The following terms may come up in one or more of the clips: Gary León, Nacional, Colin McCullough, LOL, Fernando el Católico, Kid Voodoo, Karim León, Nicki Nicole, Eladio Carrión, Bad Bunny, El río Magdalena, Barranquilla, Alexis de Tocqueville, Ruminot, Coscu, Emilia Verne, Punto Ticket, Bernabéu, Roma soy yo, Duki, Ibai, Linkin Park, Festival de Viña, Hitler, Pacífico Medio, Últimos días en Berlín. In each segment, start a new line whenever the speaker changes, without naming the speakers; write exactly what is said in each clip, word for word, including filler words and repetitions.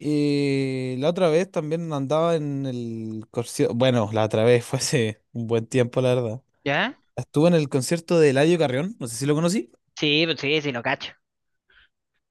Y la otra vez también andaba en el concierto, bueno, la otra vez fue hace un buen tiempo, la verdad.
¿Ya?
Estuve en el concierto de Eladio Carrión, no sé si lo conocí.
Sí, pues sí, sí, lo cacho.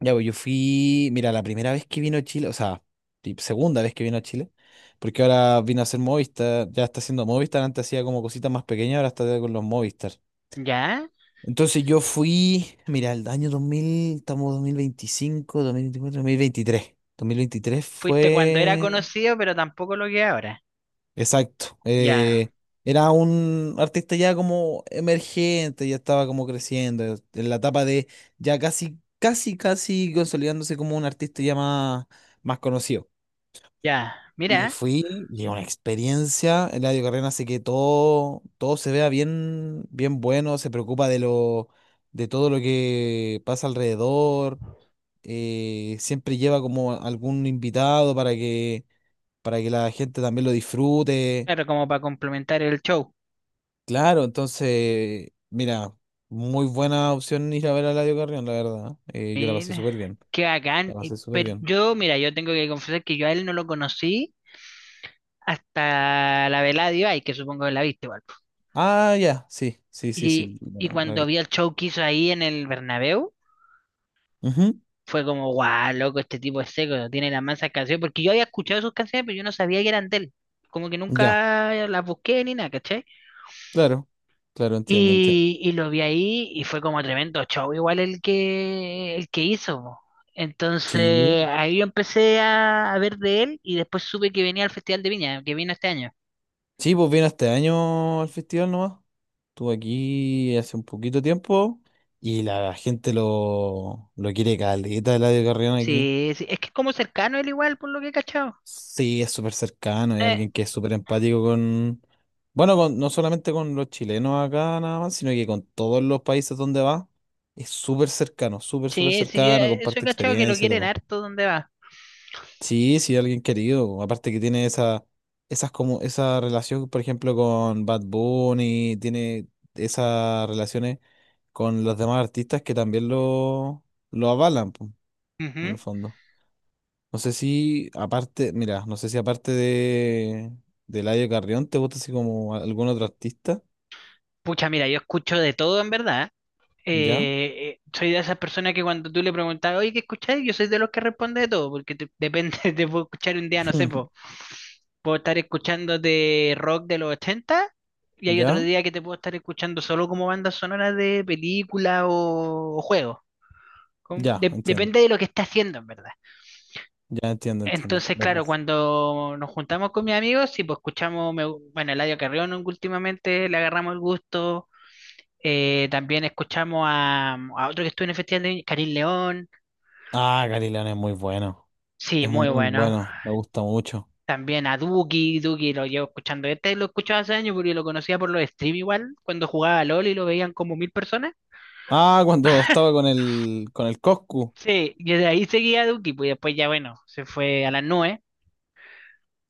Ya, pues yo fui, mira, la primera vez que vino a Chile, o sea, y segunda vez que vino a Chile, porque ahora vino a hacer Movistar, ya está haciendo Movistar, antes hacía como cositas más pequeñas, ahora está con los Movistar.
¿Ya?
Entonces yo fui, mira, el año dos mil estamos dos dos dos mil mil mil veinticinco veinticuatro veintitrés dos mil veintitrés
Fuiste cuando era
fue.
conocido, pero tampoco lo que es ahora.
Exacto.
Ya,
eh, era un artista ya como emergente, ya estaba como creciendo, eh, en la etapa de ya casi, casi, casi consolidándose como un artista ya más, más conocido.
ya.
Y
Mira,
fui, y una experiencia, Eladio Carrera hace que todo, todo se vea bien, bien bueno, se preocupa de lo, de todo lo que pasa alrededor, eh, siempre lleva como algún invitado para que, para que la gente también lo disfrute.
claro, como para complementar el show.
Claro, entonces, mira, muy buena opción ir a ver a Eladio Carrión, la verdad. Eh, yo la pasé
Mira,
súper bien.
qué
La
bacán. Y-
pasé súper
Pero
bien.
yo, mira, yo tengo que confesar que yo a él no lo conocí hasta la velada de Ibai, que supongo que la viste igual, po.
Ah, ya, sí, sí, sí, sí,
Y,
la,
y
la
cuando
vi.
vi el show que hizo ahí en el Bernabéu,
Ujú.
fue como, guau, loco, este tipo es seco, tiene las mansas canciones. Porque yo había escuchado sus canciones, pero yo no sabía que eran de él. Como que
Ya,
nunca las busqué ni nada, ¿cachai?
claro, claro, entiendo, entiendo.
Y, y lo vi ahí y fue como tremendo show, igual el que, el que hizo, po.
Sí,
Entonces ahí yo empecé a, a ver de él y después supe que venía al Festival de Viña, que vino este año.
sí, pues vino este año al festival nomás. Estuvo aquí hace un poquito tiempo y la gente lo, lo quiere caleta, Eladio Carrión aquí.
Sí, sí, es que es como cercano él igual, por lo que he cachado.
Sí, es súper cercano, hay
Eh,
alguien que es súper empático con, bueno, con- no solamente con los chilenos acá nada más, sino que con todos los países donde va, es súper cercano, súper, súper
sí, sí, yo,
cercano,
eh, eso he
comparte
cachado que lo
experiencias,
quieren
todo.
harto donde va.
Sí, sí, alguien querido, aparte que tiene esa, esas como, esa relación, por ejemplo, con Bad Bunny, tiene esas relaciones con los demás artistas que también lo, lo avalan, po, en
Ujú.
el fondo. No sé si aparte, mira, no sé si aparte de, de Eladio Carrión, ¿te gusta así como algún otro artista?
Pucha, mira, yo escucho de todo en verdad.
¿Ya?
eh, eh, soy de esas personas que cuando tú le preguntas, oye, ¿qué escucháis? Yo soy de los que responde de todo, porque te- depende, te puedo escuchar un día, no sé, po, puedo estar escuchando de rock de los ochenta y hay otro
¿Ya?
día que te puedo estar escuchando solo como banda sonora de película o, o juego. Con-
Ya,
de-
entiendo.
depende de lo que esté haciendo, en verdad.
Ya entiendo, entiendo.
Entonces,
De
claro,
paso.
cuando nos juntamos con mis amigos, sí, pues escuchamos, me- bueno, Eladio Carrión últimamente, le agarramos el gusto, eh, también escuchamos a, a otro que estuvo en el festival de Karim León.
Ah, Gary León es muy bueno.
Sí,
Es
muy
muy
bueno.
bueno. Me gusta mucho.
También a Duki. Duki lo llevo escuchando. Este lo escuchaba hace años porque lo conocía por los stream igual, cuando jugaba a LOL y lo veían como mil personas.
Ah, cuando estaba con el con el Coscu,
Sí, y desde ahí seguía a Duki, pues después ya, bueno, se fue a las nubes.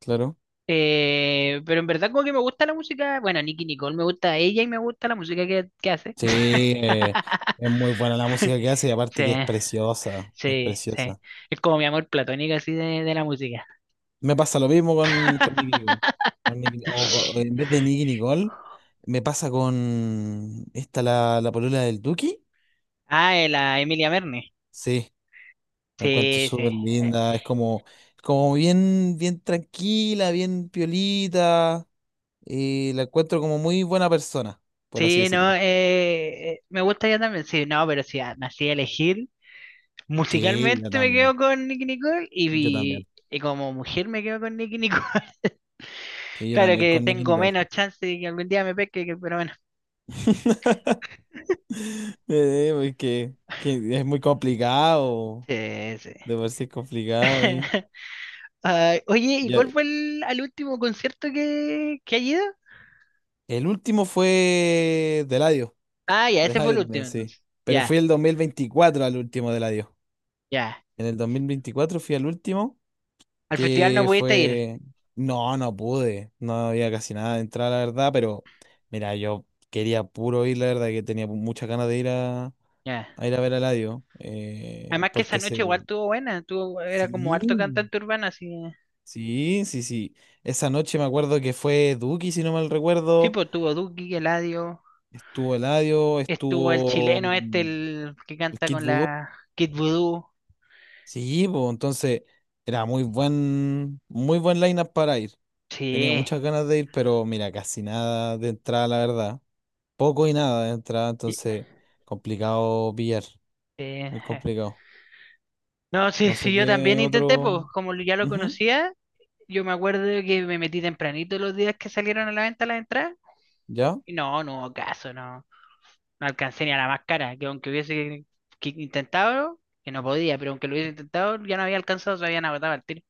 claro.
Eh, pero en verdad como que me gusta la música, bueno, Nicki Nicole me gusta ella y me gusta la música que, que hace.
Sí, eh, es muy buena la música que hace y aparte
Sí,
que es preciosa. Es
sí, sí.
preciosa.
Es como mi amor platónico así de, de la música.
Me pasa lo mismo con, con Nicki Nicole. Con Nicki- o co- en vez de Nicki Nicole, me pasa con esta, la, la polola del Duki.
Ah, eh, la Emilia Verne.
Sí, la encuentro
Sí, sí.
súper
Eh,
linda. Es como, como bien, bien tranquila, bien piolita. Y la encuentro como muy buena persona, por así
sí, no,
decirlo.
eh, eh, me gusta ella también. Sí, no, pero si nací a elegir,
Sí, yo
musicalmente me
también.
quedo con Nicki Nicole
Yo
y, y,
también.
y como mujer me quedo con Nicki Nicole.
Sí, yo
Claro
también
que
con Nicki
tengo
Nicole.
menos chance de que algún día me pesque, que- pero bueno.
Eh, porque que es muy complicado.
Sí, sí.
De por sí es complicado ahí.
Ay, oye, ¿y cuál fue el, al último concierto que, que has ido?
El último fue de Eladio,
Ah, ya,
de
ese fue el
Eladio también,
último
sí.
entonces.
Pero fui
Ya,
el dos mil veinticuatro al último de Eladio.
ya.
En el dos mil veinticuatro fui al último,
Al festival no
que
pudiste ir.
fue... No, no pude. No había casi nada de entrada, la verdad, pero mira, yo quería puro ir, la verdad, que tenía muchas ganas de ir a,
Ya.
a ir a ver a Eladio. eh,
Además que esa
porque
noche igual
se...
tuvo buena, tuvo, era como
Sí,
harto cantante urbano, así.
sí, sí, sí. Esa noche me acuerdo que fue Duki, si no mal
Sí,
recuerdo.
pues tuvo Duki, Eladio,
Estuvo Eladio,
estuvo el
estuvo...
chileno este, el que
El
canta
Kid
con
Voodoo.
la Kid Voodoo.
Sí, pues entonces era muy buen, muy buen lineup para ir. Tenía
Sí.
muchas ganas de ir, pero mira, casi nada de entrada, la verdad. Poco y nada de entrada,
y-
entonces complicado pillar.
eh,
Muy
eh.
complicado.
No, sí,
No
sí,
sé
yo
qué
también intenté, pues
otro.
como lo- ya lo
Ujú.
conocía, yo me acuerdo que me metí tempranito los días que salieron a la venta las entradas.
¿Ya?
Y no, no hubo caso, no, no alcancé ni a la más cara, que aunque hubiese que- que intentado, que no podía, pero aunque lo hubiese intentado, ya no había alcanzado, se habían agotado el De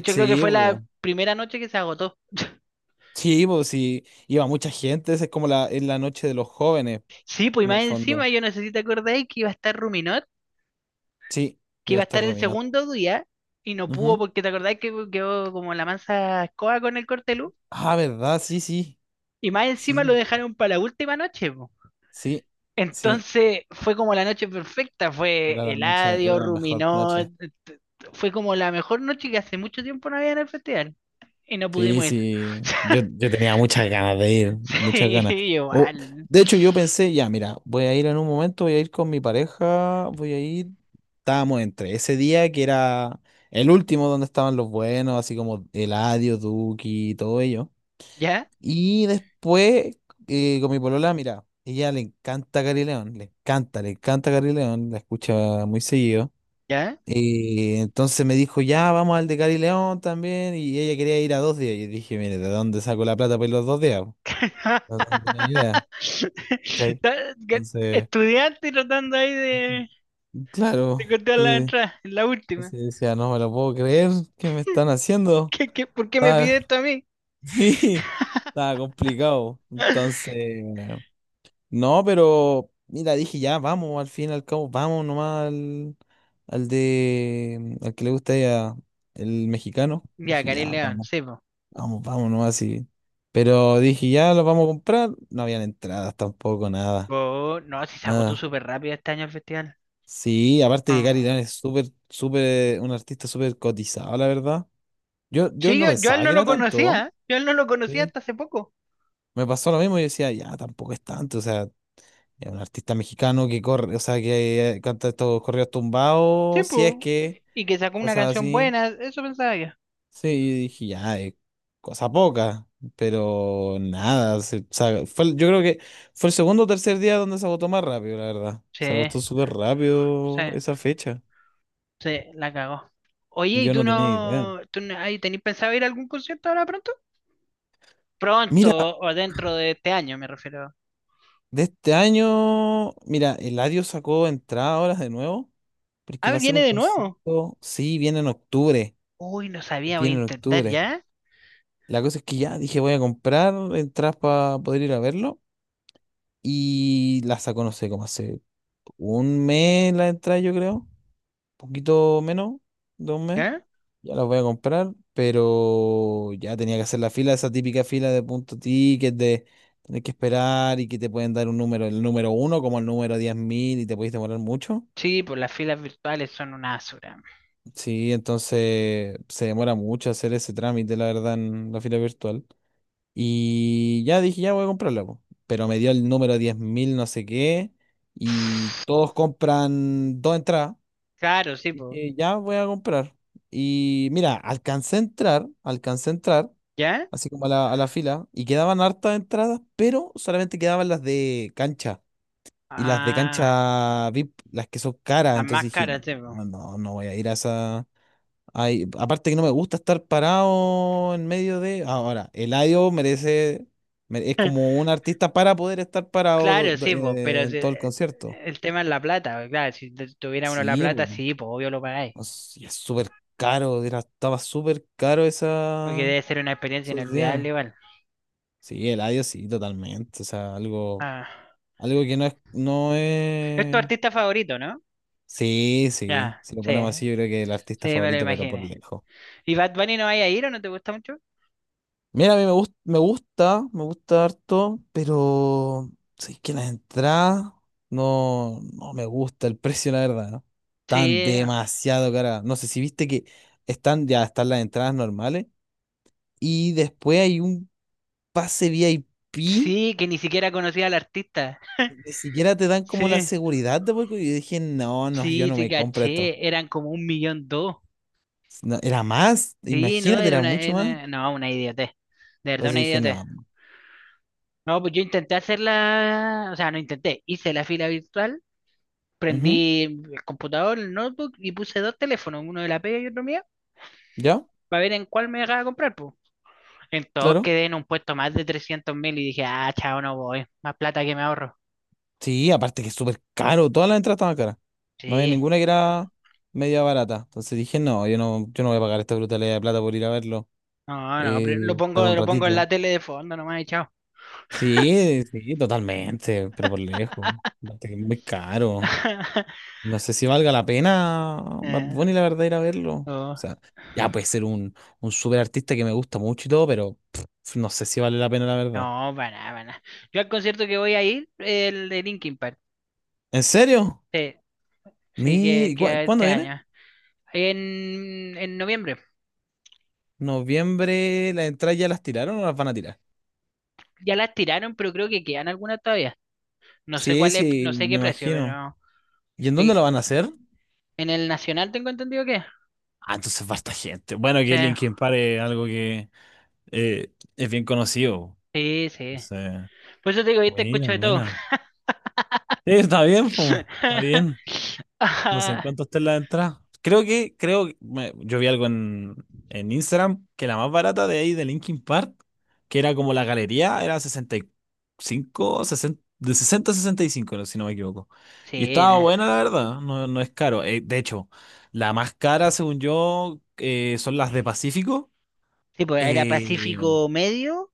hecho, creo que
Sí,
fue la
pues.
primera noche que se agotó.
Sí, pues sí. Iba mucha gente. Esa es como la, es la noche de los jóvenes,
Sí, pues y
en el
más
fondo.
encima, yo no sé si te acordáis que iba a estar Ruminot,
Sí,
que
iba a
iba a
estar
estar el
Romina.
segundo día y no pudo
Ujú.
porque te acordáis que quedó como la mansa escoba con el cortelú.
Ah, ¿verdad? Sí, sí.
Y más encima
Sí,
lo dejaron para la última noche, po.
sí, sí.
Entonces fue como la noche perfecta, fue
Era la noche,
Eladio,
era la mejor
Ruminot,
noche.
t- t- fue como la mejor noche que hace mucho tiempo no había en el festival y no
Sí,
pudimos ir.
sí, yo, yo tenía muchas ganas de ir, muchas
Sí,
ganas. O,
igual.
de hecho, yo pensé, ya, mira, voy a ir en un momento, voy a ir con mi pareja, voy a ir. Estábamos entre ese día que era el último donde estaban los buenos, así como Eladio, Duki, todo ello.
¿Ya?
Y después, eh, con mi polola, mira, ella le encanta Gary León, le encanta, le encanta Gary León, la escucha muy seguido.
¿Ya?
Y entonces me dijo, ya, vamos al de Cari León también. Y ella quería ir a dos días. Y yo dije, mire, ¿de dónde saco la plata para ir los dos días? No tenía idea. Sí.
Ta- que-
Entonces,
Estudiante tratando ahí de,
claro.
de cortar la
Entonces,
entrada, en la última.
entonces decía, no me lo puedo creer, ¿qué me están haciendo?
¿Qué, qué, Por qué me
Estaba,
pide esto a mí?
sí, estaba complicado. Entonces, no, pero mira, dije, ya, vamos, al fin y al cabo, vamos nomás al, al de, al que le gusta a ella, el mexicano.
Ya,
Dije,
Karim
ya,
León,
vamos.
sí, po.
Vamos, vamos nomás así. Pero dije, ya los vamos a comprar. No habían entradas tampoco, nada.
Po, no, si se agotó
Nada.
súper rápido este año el festival.
Sí, aparte que
Ah.
Cari Lan es súper, súper, un artista súper cotizado, la verdad. Yo, yo
Sí,
no
yo, yo a él
pensaba
no
que
lo
era
conocía,
tanto.
¿eh? Yo a él no lo conocía
Sí.
hasta hace poco.
Me pasó lo mismo y decía, ya, tampoco es tanto. O sea, es un artista mexicano que corre, o sea, que eh, canta estos correos
Sí,
tumbados, si es
po.
que,
Y que sacó una
cosas
canción
así.
buena, eso pensaba yo.
Sí, yo dije, ya, eh, cosa poca, pero nada, se- se- fue, el- yo creo que fue el segundo o tercer día donde se agotó más rápido, la verdad.
Sí,
Se agotó súper
sí,
rápido esa fecha.
sí, la cagó. Oye, ¿y
Yo
tú
no tenía idea.
no, tú no- ay, tenés pensado ir a algún concierto ahora pronto? Pronto
Mira,
o dentro de este año, me refiero.
de este año, mira, Eladio sacó entrada ahora de nuevo, porque
Ah,
va a ser
viene
un
de nuevo.
concierto, sí, viene en octubre,
Uy, no sabía, voy a
viene en
intentar
octubre.
ya.
La cosa es que ya dije, voy a comprar entradas para poder ir a verlo, y las sacó, no sé, cómo hace. Un mes la entrada, yo creo. Un poquito menos de un mes.
¿Ya?
Ya las voy a comprar, pero ya tenía que hacer la fila, esa típica fila de punto ticket, de tener que esperar y que te pueden dar un número, el número uno como el número diez mil y te podéis demorar mucho.
Sí, pues las filas virtuales son una basura.
Sí, entonces se demora mucho hacer ese trámite, la verdad, en la fila virtual. Y ya dije, ya voy a comprarla, po. Pero me dio el número diez mil no sé qué y todos compran dos entradas.
Claro, sí, pues.
Dije, ya voy a comprar. Y mira, alcancé a entrar, alcancé a entrar,
¿Ya?
así como a la, a la fila, y quedaban hartas entradas, pero solamente quedaban las de cancha. Y las de
Ah,
cancha V I P, las que son caras.
las
Entonces
más
dije,
caras, sí, po.
no, no, no voy a ir a esa. Ay, aparte que no me gusta estar parado en medio de. Ahora, Eladio merece. mere- Es como un artista para poder estar parado do-
Claro,
do-
sí, pues, pero
eh, en
si-
todo el
eh,
concierto.
el tema es la plata, po, claro, si tu- tuviera uno la
Sí,
plata,
po.
sí, pues, obvio lo pagáis,
No sé, y es súper caro, era- estaba súper caro
porque
esa,
debe ser una experiencia
esos días.
inolvidable igual.
Sí, el audio sí, totalmente. O sea, algo,
Ah.
algo que no es, no
Es tu
es.
artista favorito, ¿no?
Sí, sí.
Ya,
Si lo
sí,
ponemos así, yo creo que el
sí,
artista
me lo
favorito, pero por
imaginé.
lejos.
¿Y Bad Bunny no vaya a ir o no te gusta mucho?
Mira, a mí me gusta, me gusta, me gusta harto, pero sí que las entradas no, no me gusta el precio, la verdad, ¿no? Están
Sí,
demasiado caras. No sé si viste que están, ya están las entradas normales. Y después hay un pase V I P,
sí, que ni siquiera conocía al artista.
ni siquiera te dan como la
Sí,
seguridad de porque yo dije, no, no, yo
sí,
no
te
me compro esto.
caché. Eran como un millón dos.
No, era más,
Sí, no,
imagínate,
era
era
una,
mucho más.
era- no, una idiotez. De verdad,
Entonces
una
dije,
idiotez.
no.
No, pues yo intenté hacerla, o sea, no intenté, hice la fila virtual,
Ujú.
prendí el computador, el notebook y puse dos teléfonos, uno de la pega y otro mío,
¿Ya?
para ver en cuál me dejaba comprar, pues. Entonces
Claro.
quedé en un puesto más de trescientos mil y dije, ah, chao, no voy, más plata que me ahorro.
Sí, aparte que es súper caro, todas las entradas estaban caras. No había
Sí,
ninguna que era media barata. Entonces dije, no, yo no, yo no voy a pagar esta brutalidad de plata por ir a verlo,
no, no, pero lo
eh,
pongo,
para un
lo pongo en
ratito.
la tele de fondo nomás y chao.
Sí, sí, totalmente, pero por lejos. Aparte que es muy caro. No sé si valga la pena Bad
Eh,
Bunny, la verdad, ir a verlo. O
oh,
sea, ya puede ser un, un súper artista que me gusta mucho y todo, pero pff, no sé si vale la pena, la verdad.
no, para nada, para nada. Yo al concierto que voy a ir, el de Linkin Park.
¿En serio?
Sí, sí, que,
Mi... ¿cu-
que
¿Cuándo
este
viene?
año. En, en noviembre.
Noviembre, ¿las entradas ya las tiraron o las van a tirar?
Ya las tiraron, pero creo que quedan algunas todavía. No sé
Sí,
cuál es,
sí,
no sé qué
me
precio,
imagino.
pero
¿Y en dónde lo
sí,
van a hacer?
en el Nacional tengo entendido que.
Ah, entonces falta gente. Bueno,
Sí,
que Linkin Park es algo que eh, es bien conocido.
sí,
O
sí.
sea,
Por eso te digo, yo te escucho
buena,
de todo.
buena. Sí, está bien, po, está bien. No sé en
Ah,
cuánto está la entrada. Creo que, creo que me- yo vi algo en, en Instagram que la más barata de ahí de Linkin Park, que era como la galería, era sesenta y cinco sesenta de sesenta a sesenta y cinco, no- si no me equivoco. Y
sí,
estaba
no.
buena, la verdad, no, no es caro. Eh, de hecho, la más cara, según yo, eh, son las de Pacífico.
Sí, pues era
Eh,
Pacífico Medio,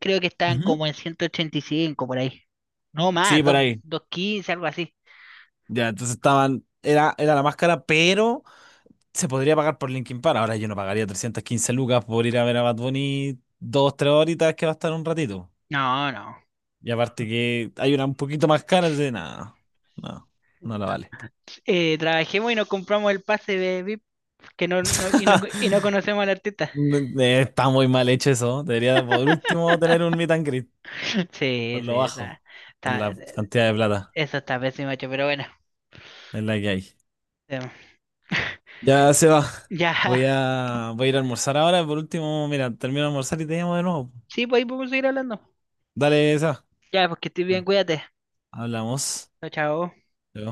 creo que estaban
ujú.
como en ciento ochenta y cinco por ahí. No más,
Sí, por
dos-
ahí.
doscientos quince, algo así.
Ya, entonces estaban, era, era la más cara, pero se podría pagar por Linkin Park. Ahora yo no pagaría trescientos quince lucas por ir a ver a Bad Bunny dos, tres horitas que va a estar un ratito.
No, no.
Y aparte que hay una un poquito más cara, de nada, no, no la vale.
Eh, trabajemos y nos compramos el pase de V I P que no, no- y, no, y no conocemos al artista.
Eh, está muy mal hecho eso. Debería por último tener un meet and greet, por
Sí, sí,
lo
está,
bajo.
está-
Cantidad de plata
eso está pésimo hecho, pero bueno.
es la que hay.
Eh,
Ya se va.
ya,
Voy a, voy a ir a almorzar ahora. Por último, mira, termino de almorzar y te llamo de nuevo.
sí, pues ahí podemos seguir hablando.
Dale, Seba.
Ya, pues que estés bien,
Vale,
cuídate.
hablamos.
Chao, chao.